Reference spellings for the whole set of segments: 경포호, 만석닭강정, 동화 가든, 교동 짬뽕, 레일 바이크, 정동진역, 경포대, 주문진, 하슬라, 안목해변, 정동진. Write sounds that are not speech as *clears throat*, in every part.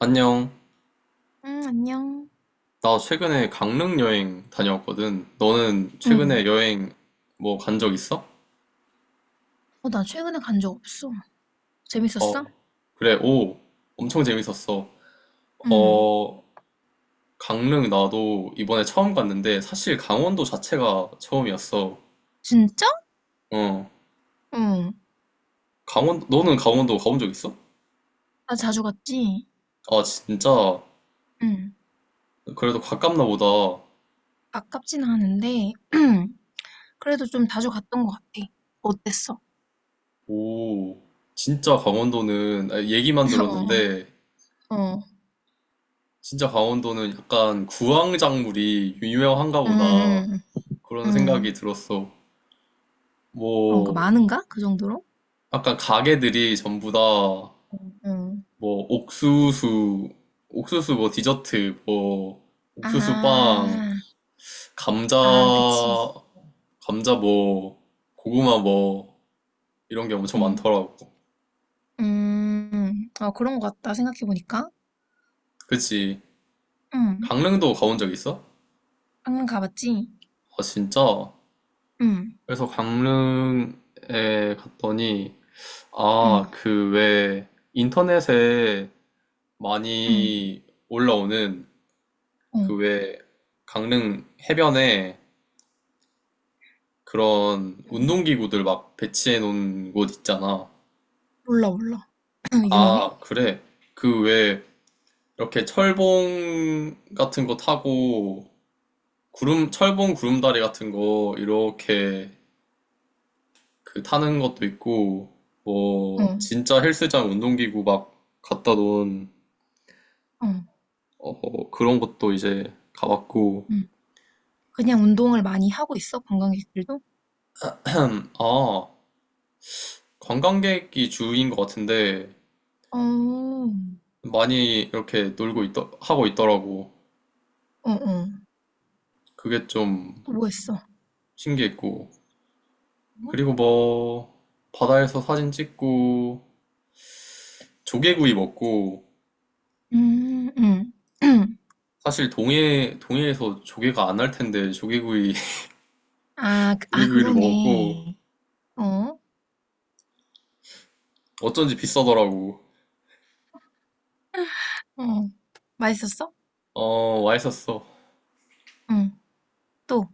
안녕. 응, 안녕. 나 최근에 강릉 여행 다녀왔거든. 너는 응. 최근에 여행 뭐 간 적 있어? 어, 나 최근에 간 적 없어. 어, 재밌었어? 그래. 오, 엄청 재밌었어. 응. 어, 강릉 나도 이번에 처음 갔는데 사실 강원도 자체가 처음이었어. 진짜? 어, 응. 너는 강원도 가본 적 있어? 나 자주 갔지? 아, 진짜. 응. 그래도 가깝나 보다. 아깝진 않은데, *clears throat* 그래도 좀 자주 갔던 것 같아. 어땠어? 오, 진짜 강원도는 아, 얘기만 *laughs* 어, 들었는데 어. 진짜 강원도는 약간 구황작물이 유명한가 응, 보다 응, 그런 응. 생각이 들었어. 그런가? 뭐, 많은가? 그 정도로? 약간 가게들이 전부 다, 응. 뭐, 옥수수, 옥수수 뭐 디저트, 뭐, 옥수수 빵, 아, 감자, 아, 그치. 감자 뭐, 고구마 뭐, 이런 게 엄청 응. 많더라고. 아, 그런 것 같다. 생각해보니까. 그치? 응. 강릉도 가본 적 있어? 방금 가봤지? 아, 진짜? 응, 그래서 강릉에 갔더니, 응, 아, 그 왜 인터넷에 응, 많이 올라오는 어. 그 왜 강릉 해변에 그런 응. 운동기구들 막 배치해 놓은 곳 있잖아. 몰라, 몰라. *clears throat* 유명해? 아, 그래. 그 왜 이렇게 철봉 같은 거 타고 철봉 구름다리 같은 거 이렇게 그 타는 것도 있고 뭐 어, 진짜 헬스장 운동기구 막 갖다 놓은 어, 어, 그런 것도 이제 가봤고 음. 그냥 운동을 많이 하고 있어, 관광객들도? 아, 관광객이 주인 것 같은데 어, 어, 많이 이렇게 놀고 있 하고 있더라고. 어. 그게 좀 또 뭐 했어? 어? 신기했고. 그리고 뭐 바다에서 사진 찍고 조개구이 먹고 음, 음. *clears throat* 사실 동해 동해에서 조개가 안 날 텐데 조개구이 *laughs* 아, 그- 아, 조개구이를 먹었고 그러네. 어, 어쩐지 비싸더라고. 어. 맛있었어? 어, 맛있었어. 응, 또.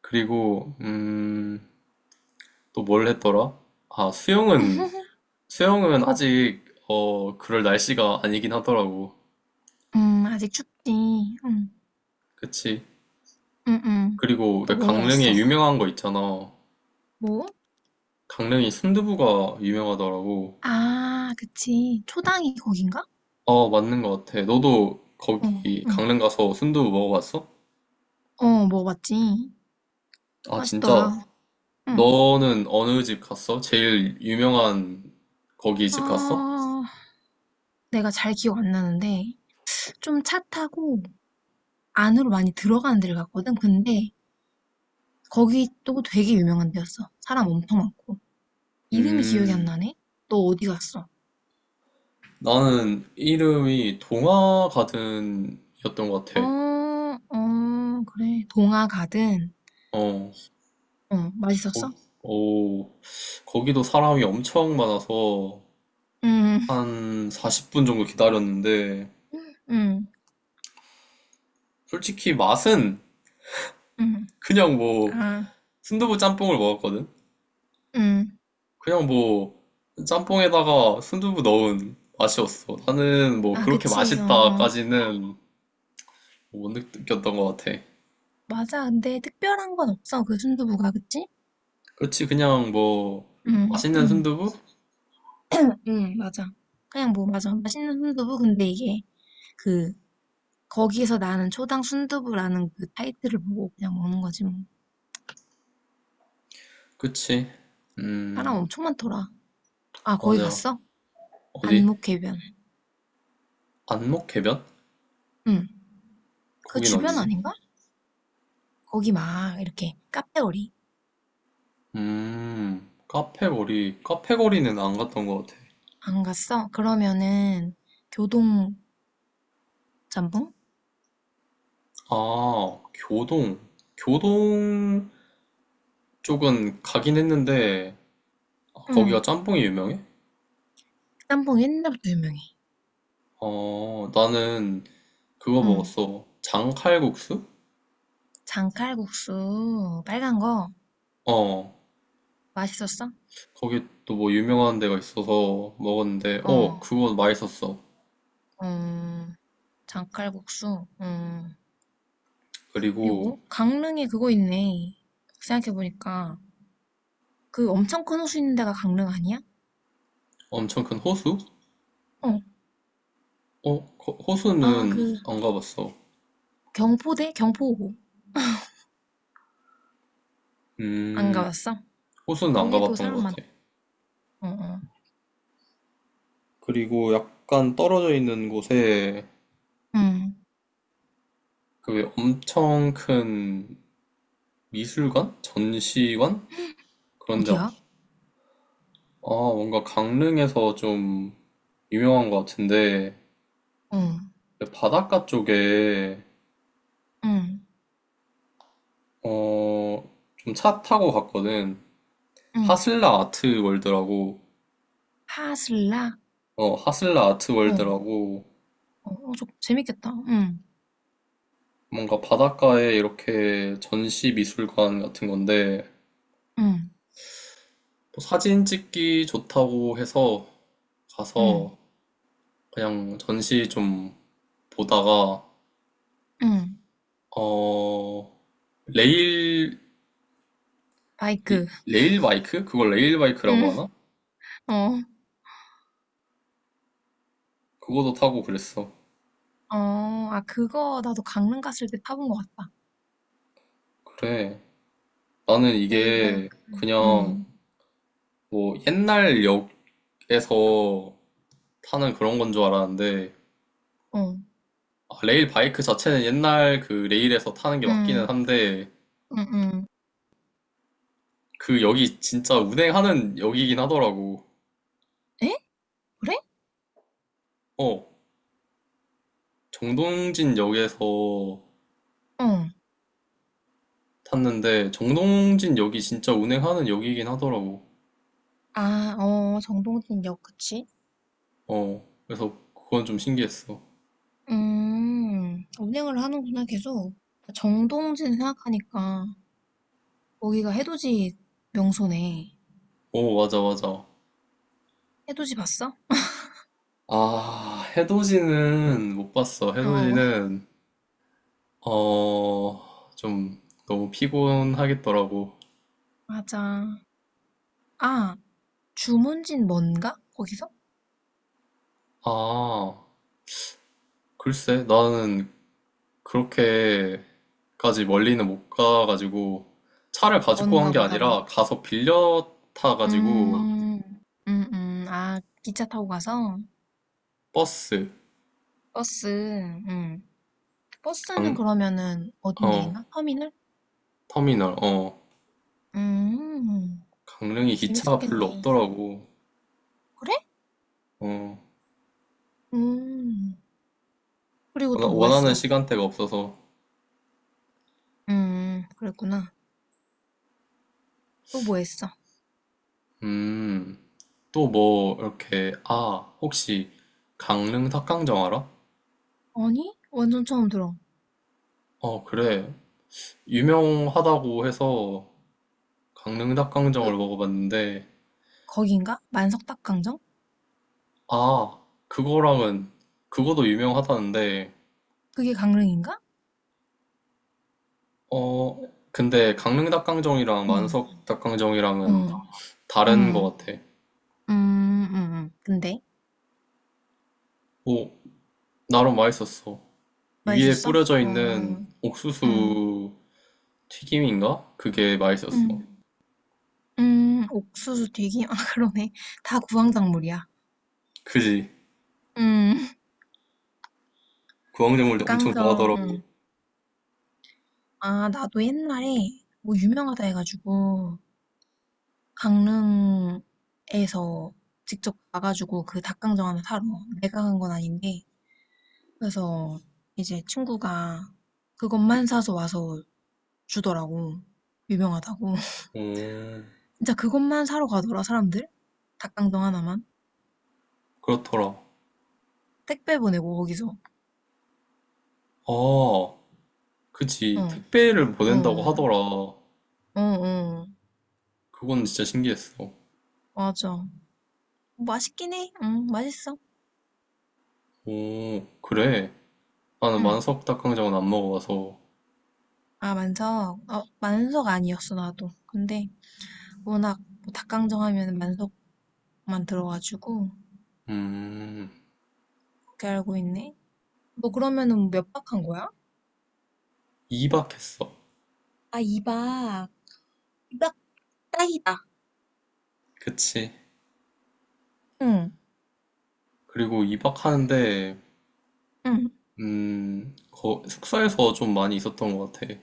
그리고 또 뭘 했더라? 아, 수영은 *laughs* 수영은 아직 어, 그럴 날씨가 아니긴 하더라고. 아직 춥지. 응, 그치. 응, 응. 그리고 또 왜 뭐 강릉에 먹었어? 유명한 거 있잖아. 뭐? 강릉이 순두부가 유명하더라고. 아, 그치. 초당이 거긴가? 어, 맞는 것 같아. 너도 어, 거기 응. 강릉 가서 순두부 먹어봤어? 어, 먹어봤지. 아, 맛있더라. 진짜. 응. 너는 어느 집 갔어? 제일 유명한 거기 집 갔어? 아, 내가 잘 기억 안 나는데 좀 차 타고 안으로 많이 들어가는 데를 갔거든. 근데 거기 또 되게 유명한 데였어. 사람 엄청 많고. 이름이 기억이 안 음, 나네? 너 어디 갔어? 나는 이름이 동화가든이었던 것 어, 같아. 어, 그래. 동화 가든. 어, 어, 맛있었어? 거, 오, 거기도 사람이 엄청 많아서 응, 한 40분 정도 기다렸는데, 응, 솔직히 맛은 응. 그냥 뭐 아, 순두부 짬뽕을 먹었거든. 응. 그냥 뭐 짬뽕에다가 순두부 넣은 맛이었어. 나는 뭐 아, 그렇게 그치. 어, 어. 맛있다까지는 뭐 못 느꼈던 것 같아. 맞아. 근데 특별한 건 없어. 그 순두부가, 그치? 그렇지 그냥 뭐 응, 맛있는 응. 순두부? 응, 맞아. 그냥 뭐, 맞아. 맛있는 순두부. 근데 이게 그 거기에서 나는 초당 순두부라는 그 타이틀을 보고 그냥 먹는 거지 뭐. 그치. 사람 음 엄청 많더라. 아, 거기 맞아. 갔어? 어디? 안목해변. 안목해변? 응. 그 거긴 주변 어디지? 아닌가? 거기 막 이렇게 카페거리. 카페거리. 카페거리는 안 갔던 것 같아. 안 갔어? 그러면은 교동 짬뽕? 아 교동. 교동 쪽은 가긴 했는데. 아, 거기가 응. 짬뽕이 유명해? 그 짬뽕 옛날부터 유명해. 어, 나는 그거 응. 먹었어. 장칼국수? 장칼국수 빨간 거 어, 맛있었어? 거기 또 뭐 유명한 데가 있어서 먹었는데, 어, 어. 그거 맛있었어. 어. 장칼국수. 어. 그리고 그리고 강릉에 그거 있네. 생각해보니까 그 엄청 큰 호수 있는 데가 강릉 아니야? 엄청 큰 호수? 어. 어, 아, 호수는 그 안 가봤어. 경포대? 경포호. 안 음, 가봤어? 호수는 안 거기도 가봤던 사람 것 많다. 같아. 어, 어. 그리고 약간 떨어져 있는 곳에 응. 그 엄청 큰 미술관? 전시관? 그런데, 아, 어디야? 뭔가 강릉에서 좀 유명한 것 같은데, 어. 바닷가 쪽에 응. 어, 좀 차 타고 갔거든. 응. 하슬라 아트월드라고 하슬라? 하슬라 어. 아트월드라고 어, 어, 저 재밌겠다. 응. 뭔가 바닷가에 이렇게 전시 미술관 같은 건데 응. 뭐 사진 찍기 좋다고 해서 응. 가서 그냥 전시 좀 보다가 응. 어, 레일 이- 바이크. 레일 바이크? 그걸 레일 바이크라고 응. 하나? 어. 그거도 타고 그랬어. 어. 아, 그거 나도 강릉 갔을 때 타본 것 같다. 그래. 나는 레일 바이크. 이게 그냥 응. 뭐 옛날 역에서 타는 그런 건 줄 알았는데 어. 아, 레일 바이크 자체는 옛날 그 레일에서 타는 게 맞기는 응. 한데 응. 응. 그 역이 진짜 운행하는 역이긴 하더라고. 에? 그래? 어, 정동진 역에서 어. 탔는데 정동진 역이 진짜 운행하는 역이긴 하더라고. 아, 어, 정동진역, 그치? 어, 그래서 그건 좀 신기했어. 음. 운행을 하는구나, 계속. 정동진 생각하니까 거기가 해돋이 명소네. 오, 맞아, 맞아. 해돋이 봤어? 아, 해돋이는 못 봤어. 어, 해돋이는 어, 좀 너무 피곤하겠더라고. 맞아. 아, 주문진 뭔가? 거기서? 아, 글쎄, 나는 그렇게까지 멀리는 못 가가지고 차를 가지고 간 뭔가 게 보다, 그럼. 아니라 가서 빌려 타가지고 음, 아, 기차 타고 가서? 버스, 버스, 음. 버스는 강, 그러면은 어디 어, 내리나? 터미널? 터미널, 어, 음, 강릉이 기차가 별로 재밌었겠네. 없더라고. 그래? 어, 음. 그리고 또 뭐 원하는 했어? 시간대가 없어서. 그랬구나. 또 뭐 했어? 음, 또 뭐, 이렇게, 아, 혹시 강릉 닭강정 알아? 아니? 완전 처음 들어. 어, 그래. 유명하다고 해서 강릉 닭강정을 그, 먹어봤는데 거긴가? 만석닭강정? 아, 그거도 유명하다는데, 그게 강릉인가? 어, 근데 강릉 닭강정이랑 응, 만석 닭강정이랑은 응, 응, 다른 것 같아. 음, 음, 근데? 오 나름 맛있었어. 위에 맛있었어? 뿌려져 있는 어, 응, 옥수수 튀김인가? 그게 응, 맛있었어. 응, 옥수수 튀김? *laughs* 아, 그러네. 다 구황작물이야. 그지? 응, 구황작물도 엄청 닭강정, 좋아하더라고. 응. 아, 나도 옛날에 뭐 유명하다 해가지고, 강릉에서 직접 가가지고 그 닭강정 하나 사러 내가 간 건 아닌데, 그래서 이제 친구가 그것만 사서 와서 주더라고. 유명하다고. *laughs* 오, 진짜 그것만 사러 가더라, 사람들. 닭강정 하나만. 그렇더라. 택배 보내고, 거기서. 아, 그지. 어, 택배를 보낸다고 어, 하더라. 어, 어. 그건 진짜 신기했어. 맞아. 맛있긴 해. 응, 맛있어. 오, 그래. 나는 응. 만석 닭강정은 안 먹어봐서. 아, 만석. 어, 만석 아니었어, 나도. 근데 워낙 뭐 닭강정 하면 만석만 들어가지고, 음, 그렇게 알고 있네. 너 그러면은 몇 박 한 거야? 이박했어. 아, 2박. 2박 딱이다. 그치. 응. 그리고 이박하는데, 응. 숙소에서 좀 많이 있었던 것 같아.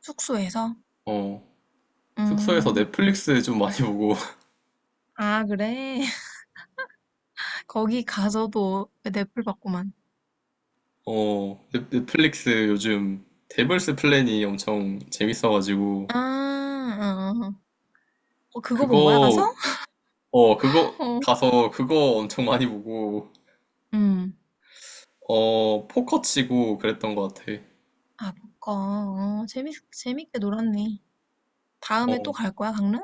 숙소에서? 어, 숙소에서 음. 넷플릭스 좀 많이 보고, *laughs* 아 그래? *laughs* 거기 가서도 넷플 받고만. 어, 넷플릭스 요즘 데블스 플랜이 엄청 재밌어가지고, 아. 어어어. 어, 어, 그거 본 거야 가서? 그거, 어, 그거 어. 가서 그거 엄청 많이 보고, 음. 어, 포커 치고 그랬던 것 같아. 아 그거. 어 재밌 재밌게 놀았네. 다음에 또 어, 갈 거야 강릉?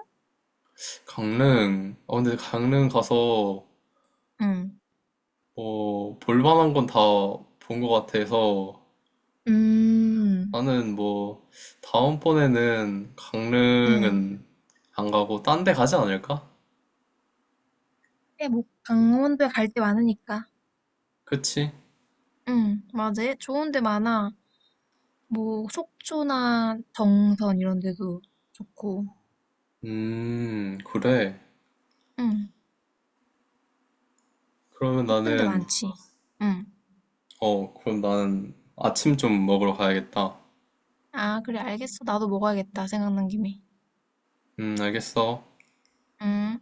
강릉. 아, 근데 강릉 가서 응. 뭐, 볼만한 건 다 본 것 같아서 음. 나는 뭐, 다음번에는 응. 강릉은 안 가고 딴데 가지 않을까? 그래 뭐 강원도에 갈 데 많으니까. 그치? 응. 맞아. 좋은 데 많아. 뭐 속초나 정선 이런 데도 좋고. 그래. 응. 그러면 예쁜 데 나는, 많지. 응. 그럼 나는 아침 좀 먹으러 가야겠다. 아, 그래, 알겠어. 나도 먹어야겠다. 생각난 김에. 알겠어. 음.